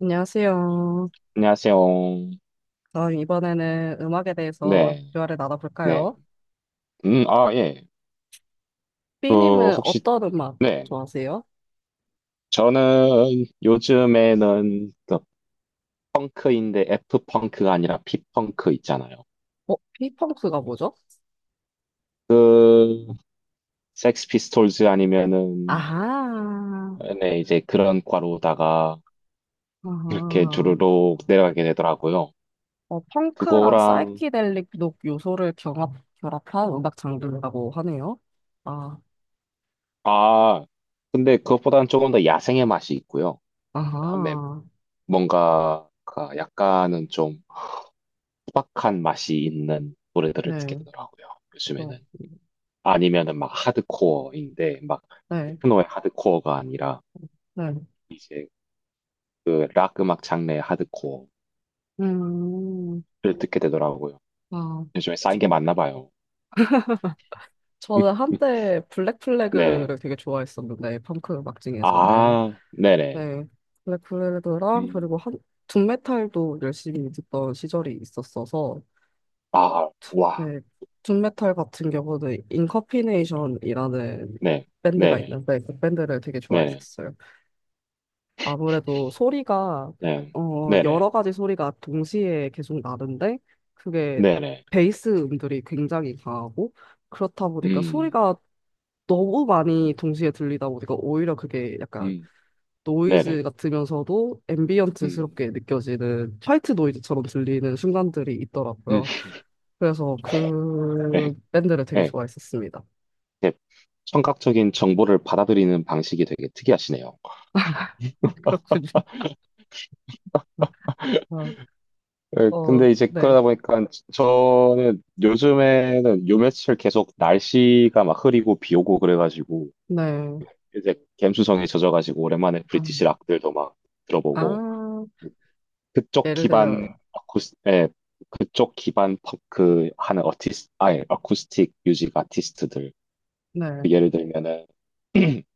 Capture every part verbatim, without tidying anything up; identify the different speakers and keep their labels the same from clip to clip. Speaker 1: 안녕하세요.
Speaker 2: 안녕하세요.
Speaker 1: 그럼 이번에는 음악에 대해서
Speaker 2: 네,
Speaker 1: 대화를
Speaker 2: 네.
Speaker 1: 나눠볼까요?
Speaker 2: 음, 아, 예. 그,
Speaker 1: B님은
Speaker 2: 혹시,
Speaker 1: 어떤 음악
Speaker 2: 네.
Speaker 1: 좋아하세요?
Speaker 2: 저는 요즘에는 그 펑크인데 F펑크가 아니라 P펑크 있잖아요.
Speaker 1: 어, B펑크가 뭐죠?
Speaker 2: 그, 섹스 피스톨즈 아니면은,
Speaker 1: 아하,
Speaker 2: 네, 이제 그런 과로다가 이렇게
Speaker 1: 아하.
Speaker 2: 주르륵 내려가게 되더라고요.
Speaker 1: 어, 펑크랑
Speaker 2: 그거랑,
Speaker 1: 사이키델릭 녹 요소를 경합, 결합한 음악 장르라고 하네요. 아,
Speaker 2: 아, 근데 그것보다는 조금 더 야생의 맛이 있고요. 그다음에
Speaker 1: 아하.
Speaker 2: 뭔가, 약간은 좀, 소박한 맛이 있는 노래들을 듣게
Speaker 1: 네,
Speaker 2: 되더라고요.
Speaker 1: 그렇군요.
Speaker 2: 요즘에는. 아니면은 막 하드코어인데 막
Speaker 1: 네,
Speaker 2: 테크노의 하드코어가 아니라
Speaker 1: 네.
Speaker 2: 이제 그 락 음악 장르의 하드코어를
Speaker 1: 음,
Speaker 2: 듣게 되더라고요.
Speaker 1: 아,
Speaker 2: 요즘에 쌓인 게
Speaker 1: 저,
Speaker 2: 많나 봐요. 네.
Speaker 1: 저는 한때
Speaker 2: 네.
Speaker 1: 블랙플래그를 되게 좋아했었는데, 펑크 음악 중에서는.
Speaker 2: 아, 네네.
Speaker 1: 네. 블랙플래그랑
Speaker 2: 음.
Speaker 1: 그리고 한, 둠메탈도 열심히 듣던 시절이 있었어서,
Speaker 2: 아, 와.
Speaker 1: 네. 둠메탈 같은 경우는 인커피네이션이라는
Speaker 2: 네.
Speaker 1: 밴드가
Speaker 2: 네네.
Speaker 1: 있는데, 그 밴드를 되게
Speaker 2: 네네.
Speaker 1: 좋아했었어요. 아무래도 소리가,
Speaker 2: 네.
Speaker 1: 어,
Speaker 2: 네네.
Speaker 1: 여러 가지 소리가 동시에 계속 나는데, 그게
Speaker 2: 네네.
Speaker 1: 베이스 음들이 굉장히 강하고, 그렇다 보니까
Speaker 2: 음.
Speaker 1: 소리가 너무
Speaker 2: 음.
Speaker 1: 많이 동시에 들리다 보니까 오히려 그게 약간
Speaker 2: 음.
Speaker 1: 노이즈
Speaker 2: 네네.
Speaker 1: 같으면서도
Speaker 2: 음.
Speaker 1: 앰비언트스럽게 느껴지는 화이트 노이즈처럼 들리는 순간들이
Speaker 2: 음.
Speaker 1: 있더라고요. 그래서 그 밴드를 되게
Speaker 2: 네.
Speaker 1: 좋아했었습니다.
Speaker 2: 이렇게 청각적인 정보를 받아들이는 방식이 되게 특이하시네요.
Speaker 1: 그렇군요. 어,
Speaker 2: 예,
Speaker 1: 어,
Speaker 2: 근데 이제
Speaker 1: 네,
Speaker 2: 그러다 보니까 저는 요즘에는 요 며칠 계속 날씨가 막 흐리고 비 오고 그래가지고
Speaker 1: 네.
Speaker 2: 이제 갬수성에 젖어가지고 오랜만에
Speaker 1: 아,
Speaker 2: 브리티시 락들도 막 들어보고
Speaker 1: 아,
Speaker 2: 그쪽
Speaker 1: 예를
Speaker 2: 기반
Speaker 1: 들면,
Speaker 2: 아쿠스, 예, 그쪽 기반 펑크 하는 어티스, 아예 어쿠스틱 뮤직 아티스트들 그
Speaker 1: 네,
Speaker 2: 예를 들면은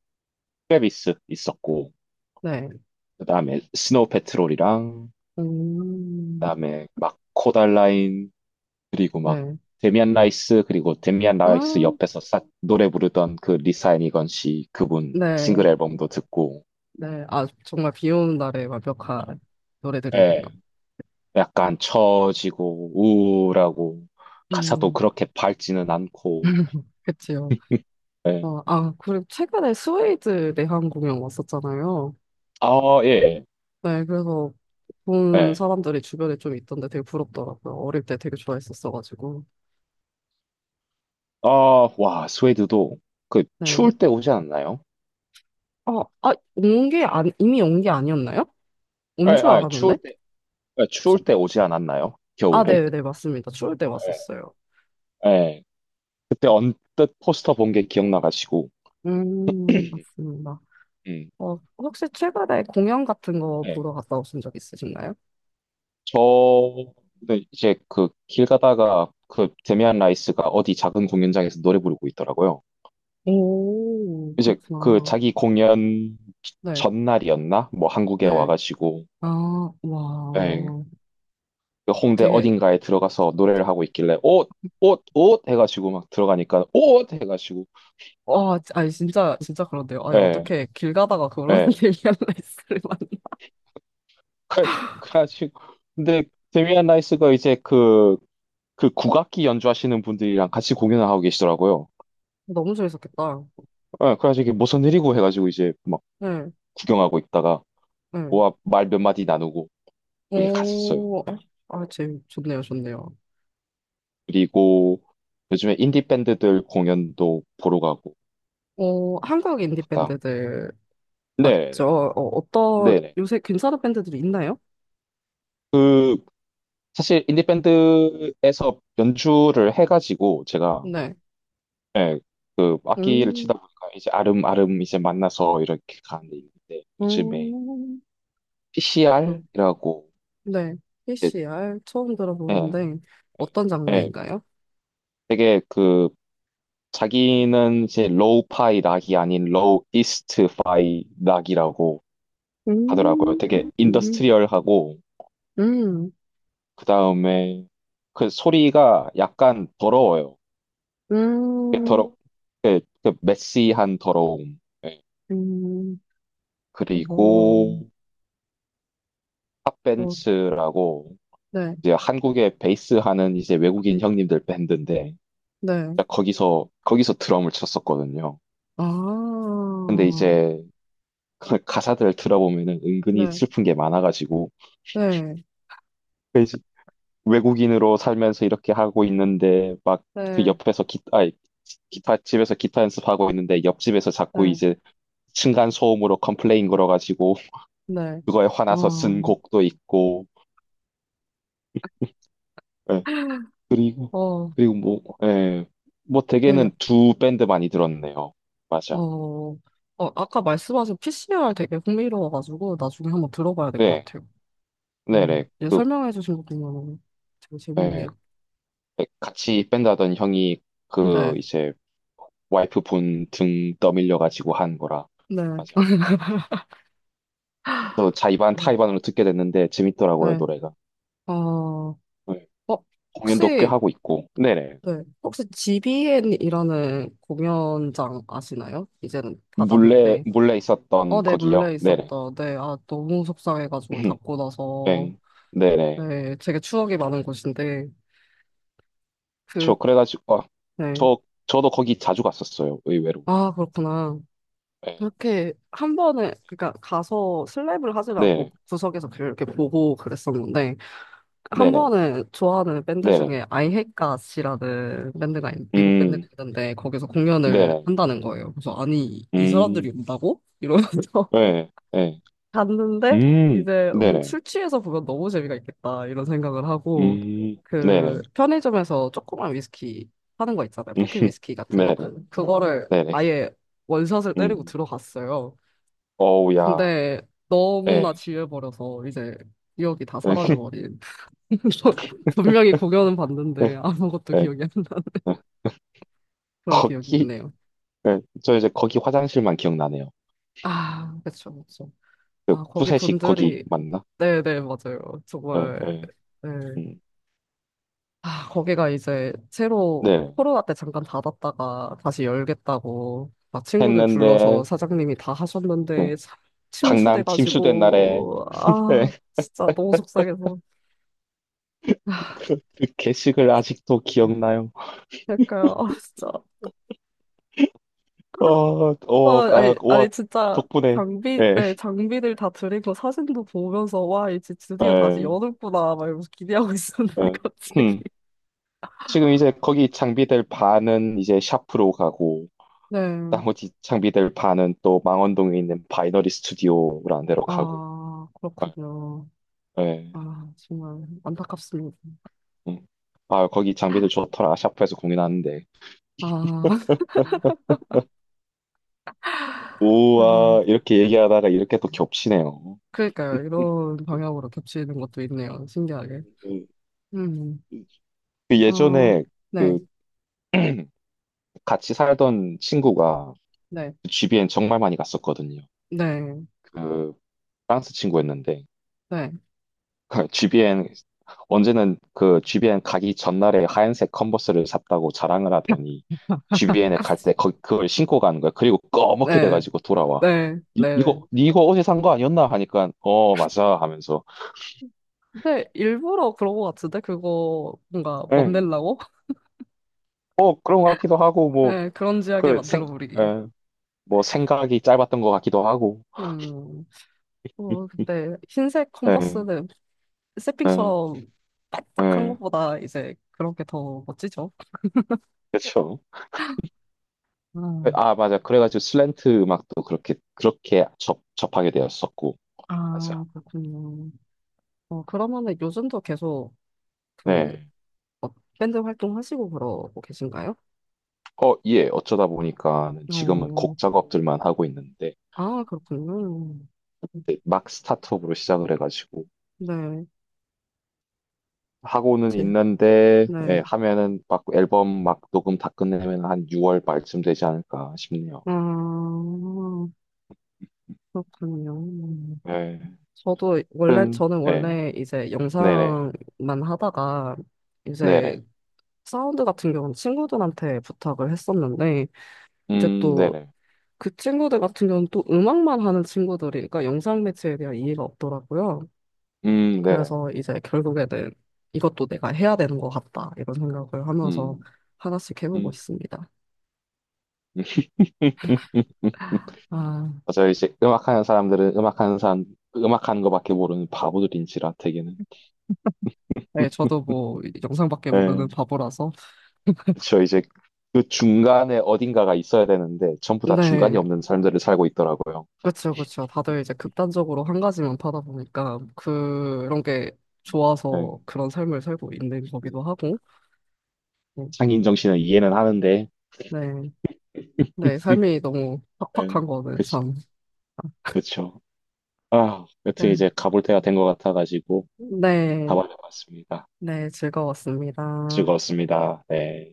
Speaker 2: 트래비스 있었고
Speaker 1: 네,
Speaker 2: 그다음에 스노우 패트롤이랑
Speaker 1: 음,
Speaker 2: 그다음에 막 코달라인 그리고 막
Speaker 1: 네,
Speaker 2: 데미안 라이스 그리고 데미안
Speaker 1: 아,
Speaker 2: 라이스 옆에서 싹 노래 부르던 그 리사 애니건 씨 그분 싱글
Speaker 1: 네,
Speaker 2: 앨범도 듣고
Speaker 1: 네. 아, 정말 비 오는 날에 완벽한 노래들이네요.
Speaker 2: 예 약간 처지고 우울하고 가사도
Speaker 1: 음,
Speaker 2: 그렇게 밝지는 않고
Speaker 1: 그치요.
Speaker 2: 예.
Speaker 1: 어, 아, 그리고 최근에 스웨이드 내한 공연 왔었잖아요.
Speaker 2: 아, 예.
Speaker 1: 네, 그래서
Speaker 2: 예.
Speaker 1: 본
Speaker 2: 예.
Speaker 1: 사람들이 주변에 좀 있던데 되게 부럽더라고요. 어릴 때 되게 좋아했었어가지고.
Speaker 2: 아, 와, 스웨드도 그
Speaker 1: 네.
Speaker 2: 추울 때 오지 않았나요?
Speaker 1: 어, 아, 온 게, 안, 이미 온 게 아니었나요?
Speaker 2: 예,
Speaker 1: 온 줄
Speaker 2: 아,
Speaker 1: 알았는데?
Speaker 2: 추울 때 예, 추울
Speaker 1: 저-
Speaker 2: 때 오지 않았나요?
Speaker 1: 아,
Speaker 2: 겨울에?
Speaker 1: 네, 네, 맞습니다. 추울 때 왔었어요.
Speaker 2: 예. 예. 그때 언뜻 포스터 본 게 기억나가지고
Speaker 1: 음, 맞습니다.
Speaker 2: 음.
Speaker 1: 어, 혹시 최근에 공연 같은 거
Speaker 2: 예.
Speaker 1: 보러 갔다 오신 적 있으신가요?
Speaker 2: 저는 이제 그 길 가다가 그 데미안 라이스가 어디 작은 공연장에서 노래 부르고 있더라고요.
Speaker 1: 오,
Speaker 2: 이제 그
Speaker 1: 그렇구나.
Speaker 2: 자기 공연
Speaker 1: 네,
Speaker 2: 전날이었나? 뭐 한국에
Speaker 1: 네.
Speaker 2: 와가지고
Speaker 1: 아,
Speaker 2: 예,
Speaker 1: 와.
Speaker 2: 그 홍대
Speaker 1: 되게
Speaker 2: 어딘가에 들어가서 노래를 하고 있길래 옷, 옷, 옷 해가지고 막 들어가니까 옷 해가지고
Speaker 1: 와, 아니, 진짜, 진짜 그런데요. 아니,
Speaker 2: 예,
Speaker 1: 어떻게 길 가다가 그런
Speaker 2: 예.
Speaker 1: 데이안 라이스를 만나.
Speaker 2: 그래- 그래가지고 근데 데미안 라이스가 이제 그, 그 국악기 연주하시는 분들이랑 같이 공연을 하고 계시더라고요.
Speaker 1: 너무 재밌었겠다.
Speaker 2: 예, 그래가지고 이게 무슨 일이고 해가지고 이제 막
Speaker 1: 네,
Speaker 2: 구경하고 있다가
Speaker 1: 네.
Speaker 2: 모아 말 몇 마디 나누고 그렇게 갔었어요.
Speaker 1: 오, 아, 재밌, 좋네요, 좋네요.
Speaker 2: 그리고 요즘에 인디 밴드들 공연도 보러 가고
Speaker 1: 어, 한국 인디
Speaker 2: 갔다.
Speaker 1: 밴드들 맞죠?
Speaker 2: 네네
Speaker 1: 어, 어떤,
Speaker 2: 네네.
Speaker 1: 요새 괜찮은 밴드들이 있나요?
Speaker 2: 그 사실 인디 밴드에서 연주를 해가지고 제가
Speaker 1: 네.
Speaker 2: 예, 그 악기를
Speaker 1: 음,
Speaker 2: 치다 보니까 이제 아름아름 이제 만나서 이렇게 가는 데 있는데 요즘에
Speaker 1: 음, 어,
Speaker 2: 피씨알이라고
Speaker 1: 네.
Speaker 2: 이제
Speaker 1: 피시알 처음
Speaker 2: 예,
Speaker 1: 들어보는데, 어떤
Speaker 2: 예,
Speaker 1: 장르인가요?
Speaker 2: 되게 그 자기는 이제 로우 파이 락이 아닌 로우 이스트 파이 락이라고 하더라고요.
Speaker 1: 음,
Speaker 2: 되게
Speaker 1: 음,
Speaker 2: 인더스트리얼하고
Speaker 1: 음,
Speaker 2: 그 다음에 그 소리가 약간 더러워요. 이게
Speaker 1: 음,
Speaker 2: 더러 그, 그 메시한 더러움. 예.
Speaker 1: 음, 어,
Speaker 2: 그리고
Speaker 1: 어,
Speaker 2: 팝벤츠라고
Speaker 1: 네,
Speaker 2: 이제 한국에 베이스 하는 이제 외국인 형님들 밴드인데
Speaker 1: 네.
Speaker 2: 거기서 거기서 드럼을 쳤었거든요.
Speaker 1: 아,
Speaker 2: 근데 이제 그 가사들을 들어보면은 은근히
Speaker 1: 네,
Speaker 2: 슬픈 게 많아가지고
Speaker 1: 네,
Speaker 2: 외국인으로 살면서 이렇게 하고 있는데 막 그
Speaker 1: 네,
Speaker 2: 옆에서 기타 아니, 기타 집에서 기타 연습하고 있는데 옆집에서 자꾸
Speaker 1: 네,
Speaker 2: 이제 층간 소음으로 컴플레인 걸어가지고
Speaker 1: 네.
Speaker 2: 그거에 화나서 쓴
Speaker 1: 어,
Speaker 2: 곡도 있고 예. 그리고
Speaker 1: 어,
Speaker 2: 그리고 뭐 예. 뭐
Speaker 1: 네,
Speaker 2: 대개는 두 밴드 많이 들었네요.
Speaker 1: 어,
Speaker 2: 맞아.
Speaker 1: 어, 아까 말씀하신 피시알 되게 흥미로워가지고 나중에 한번 들어봐야 될 것
Speaker 2: 네.
Speaker 1: 같아요. 어,
Speaker 2: 네네.
Speaker 1: 이제
Speaker 2: 그
Speaker 1: 설명해주신 것도 너무 되게
Speaker 2: 예.
Speaker 1: 재밌네요.
Speaker 2: 네, 같이 밴드 하던 형이 그
Speaker 1: 네,
Speaker 2: 이제 와이프 분 등 떠밀려 가지고 한 거라.
Speaker 1: 네,
Speaker 2: 맞아. 저 자이반
Speaker 1: 네.
Speaker 2: 타이반으로 듣게 됐는데 재밌더라고요,
Speaker 1: 네.
Speaker 2: 노래가.
Speaker 1: 어, 어,
Speaker 2: 네. 공연도 꽤
Speaker 1: 혹시,
Speaker 2: 하고 있고. 네네.
Speaker 1: 네, 혹시 지비엔이라는 공연장 아시나요? 이제는 다
Speaker 2: 몰래,
Speaker 1: 났는데.
Speaker 2: 몰래 있었던
Speaker 1: 어, 네,
Speaker 2: 거기요.
Speaker 1: 몰래
Speaker 2: 네네.
Speaker 1: 있었다. 네, 아, 너무 속상해가지고 닫고 나서.
Speaker 2: 네. 네네.
Speaker 1: 네, 되게 추억이 많은 곳인데. 그,
Speaker 2: 저 그래가지고, 아,
Speaker 1: 네.
Speaker 2: 저, 저도 거기 자주 갔었어요, 의외로.
Speaker 1: 아, 그렇구나.
Speaker 2: 예.
Speaker 1: 그렇게 한 번에, 그러니까 가서 슬랩을 하질 않고
Speaker 2: 네.
Speaker 1: 구석에서 그렇게 보고 그랬었는데, 한
Speaker 2: 네네.
Speaker 1: 번은 좋아하는 밴드
Speaker 2: 네네. 네네.
Speaker 1: 중에 I Hate Gods이라는 밴드가, 있- 미국 밴드가
Speaker 2: 음,
Speaker 1: 있는데, 거기서 공연을
Speaker 2: 네네.
Speaker 1: 한다는 거예요. 그래서, 아니, 이 사람들이
Speaker 2: 음,
Speaker 1: 온다고? 이러면서.
Speaker 2: 네. 네.
Speaker 1: 갔는데
Speaker 2: 음,
Speaker 1: 이제 음,
Speaker 2: 네네.
Speaker 1: 술 취해서 보면 너무 재미가 있겠다 이런 생각을 하고
Speaker 2: 음, 네네.
Speaker 1: 그 편의점에서 조그만 위스키 파는 거 있잖아요.
Speaker 2: 음,
Speaker 1: 포켓 위스키 같은 거,
Speaker 2: 네네.
Speaker 1: 그거를
Speaker 2: 네네.
Speaker 1: 아예 원샷을 때리고
Speaker 2: 음,
Speaker 1: 들어갔어요.
Speaker 2: 어우, 야.
Speaker 1: 근데 너무나
Speaker 2: 네.
Speaker 1: 지혜버려서 이제 기억이 다 사라져버린, 분명히 공연은
Speaker 2: 네.
Speaker 1: 봤는데 아무것도
Speaker 2: 네.
Speaker 1: 기억이 안 나. 그런 기억이
Speaker 2: 거기,
Speaker 1: 있네요.
Speaker 2: 예, 저 이제 거기 화장실만 기억나네요.
Speaker 1: 아, 그쵸, 그쵸.
Speaker 2: 그
Speaker 1: 아, 거기
Speaker 2: 푸세식 거기
Speaker 1: 분들이,
Speaker 2: 맞나?
Speaker 1: 네네 맞아요,
Speaker 2: 예,
Speaker 1: 정말.
Speaker 2: 예,
Speaker 1: 네.
Speaker 2: 음,
Speaker 1: 아, 거기가 이제 새로
Speaker 2: 네.
Speaker 1: 코로나 때 잠깐 닫았다가 다시 열겠다고 막 친구들 불러서
Speaker 2: 했는데,
Speaker 1: 사장님이 다 하셨는데
Speaker 2: 예,
Speaker 1: 참
Speaker 2: 강남 침수된 날에,
Speaker 1: 침수돼가지고
Speaker 2: 예,
Speaker 1: 아 진짜 너무 속상해서.
Speaker 2: 그, 그 개식을 아직도 기억나요.
Speaker 1: 그러니까 아 진짜.
Speaker 2: 어,
Speaker 1: 아
Speaker 2: 어, 아,
Speaker 1: 아니
Speaker 2: 와,
Speaker 1: 아니 진짜
Speaker 2: 덕분에,
Speaker 1: 장비
Speaker 2: 예,
Speaker 1: 네 장비들 다 드리고 사진도 보면서 와 이제 드디어 다시
Speaker 2: 예,
Speaker 1: 여는구나 막 이러면서 기대하고 있었는데
Speaker 2: 예.
Speaker 1: 갑자기.
Speaker 2: 음, 지금 이제 거기 장비될 반은 이제 샤프로 가고,
Speaker 1: 네.
Speaker 2: 나머지 장비될 반은 또 망원동에 있는 바이너리 스튜디오라는 데로 가고,
Speaker 1: 아,
Speaker 2: 예.
Speaker 1: 그렇군요.
Speaker 2: 예.
Speaker 1: 아, 정말 안타깝습니다.
Speaker 2: 응. 아, 거기 장비들 좋더라. 샤프에서 공연하는데.
Speaker 1: 아, 아.
Speaker 2: 우와, 이렇게 얘기하다가 이렇게 또 겹치네요.
Speaker 1: 그러니까요. 이런 방향으로 겹치는 것도 있네요. 신기하게.
Speaker 2: 음,
Speaker 1: 음,
Speaker 2: 그
Speaker 1: 어,
Speaker 2: 예전에 그
Speaker 1: 네,
Speaker 2: 같이 살던 친구가
Speaker 1: 네,
Speaker 2: 그 지비엔 정말 많이 갔었거든요.
Speaker 1: 네,
Speaker 2: 그 프랑스 친구였는데
Speaker 1: 네.
Speaker 2: 지비엔 언제는 그 지비엔 가기 전날에 하얀색 컨버스를 샀다고 자랑을 하더니 지비엔에 갈 때 그걸 신고 가는 거야. 그리고 꺼멓게
Speaker 1: 네,
Speaker 2: 돼가지고 돌아와.
Speaker 1: 네,
Speaker 2: 니-
Speaker 1: 네. 네.
Speaker 2: 이거 니 이거 어제 산 거 아니었나 하니까 어 맞아 하면서
Speaker 1: 근데 일부러 그런 것 같은데? 그거 뭔가
Speaker 2: 예.
Speaker 1: 멋내려고?
Speaker 2: 뭐 그런 것 같기도 하고 뭐
Speaker 1: 네, 그런지하게
Speaker 2: 그 생,
Speaker 1: 만들어 버리기.
Speaker 2: 예. 뭐 생각이 짧았던 것 같기도 하고.
Speaker 1: 음, 어, 근데 흰색
Speaker 2: 예.
Speaker 1: 컨버스는
Speaker 2: 예.
Speaker 1: 세핑처럼 반짝한
Speaker 2: 예.
Speaker 1: 것보다 이제 그런 게 더 멋지죠?
Speaker 2: 그렇죠.
Speaker 1: 음,
Speaker 2: 아, 맞아. 그래가지고 슬랜트 음악도 그렇게 그렇게 접 접하게 되었었고. 맞아.
Speaker 1: 아, 그렇군요. 어, 그러면은 요즘도 계속 그
Speaker 2: 네.
Speaker 1: 어, 밴드 활동하시고 그러고 계신가요?
Speaker 2: 어, 예. 어쩌다 보니까는 지금은
Speaker 1: 어,
Speaker 2: 곡 작업들만 하고 있는데
Speaker 1: 아, 그렇군요.
Speaker 2: 이제 막 스타트업으로 시작을 해가지고
Speaker 1: 네,
Speaker 2: 하고는
Speaker 1: 제,
Speaker 2: 있는데 예,
Speaker 1: 네.
Speaker 2: 하면은 막 앨범 막 녹음 다 끝내면 한 유월 말쯤 되지 않을까 싶네요.
Speaker 1: 아, 그렇군요.
Speaker 2: 예.
Speaker 1: 저도 원래,
Speaker 2: 하여튼,
Speaker 1: 저는
Speaker 2: 예.
Speaker 1: 원래 이제
Speaker 2: 네네.
Speaker 1: 영상만 하다가
Speaker 2: 네네.
Speaker 1: 이제 사운드 같은 경우는 친구들한테 부탁을 했었는데 이제
Speaker 2: 음,
Speaker 1: 또
Speaker 2: 네네.
Speaker 1: 그 친구들 같은 경우는 또 음악만 하는 친구들이, 그러니까 영상 매체에 대한 이해가 없더라고요.
Speaker 2: 음, 네네.
Speaker 1: 그래서 이제 결국에는 이것도 내가 해야 되는 것 같다, 이런 생각을 하면서
Speaker 2: 음,
Speaker 1: 하나씩 해보고
Speaker 2: 음.
Speaker 1: 있습니다. 아,
Speaker 2: 맞아요. 이제 음악하는 사람들은 음악하는 사람, 음악하는 것밖에 모르는 바보들인지라 되게는.
Speaker 1: 네, 저도 뭐 영상밖에
Speaker 2: 네.
Speaker 1: 모르는 바보라서.
Speaker 2: 그쵸. 이제 그 중간에 어딘가가 있어야 되는데 전부 다 중간이
Speaker 1: 네,
Speaker 2: 없는 삶들을 살고 있더라고요.
Speaker 1: 그쵸, 그쵸. 다들 이제 극단적으로 한 가지만 파다 보니까 그런 게
Speaker 2: 네.
Speaker 1: 좋아서 그런 삶을 살고 있는 거기도 하고.
Speaker 2: 인 정신은 이해는 하는데.
Speaker 1: 네, 네, 삶이 너무 팍팍한
Speaker 2: 네.
Speaker 1: 거는
Speaker 2: 그치.
Speaker 1: 참.
Speaker 2: 그쵸. 아,
Speaker 1: 네,
Speaker 2: 여튼 이제 가볼 때가 된 것 같아가지고
Speaker 1: 네,
Speaker 2: 가봐야 겠습니다
Speaker 1: 네, 즐거웠습니다.
Speaker 2: 즐거웠습니다. 네.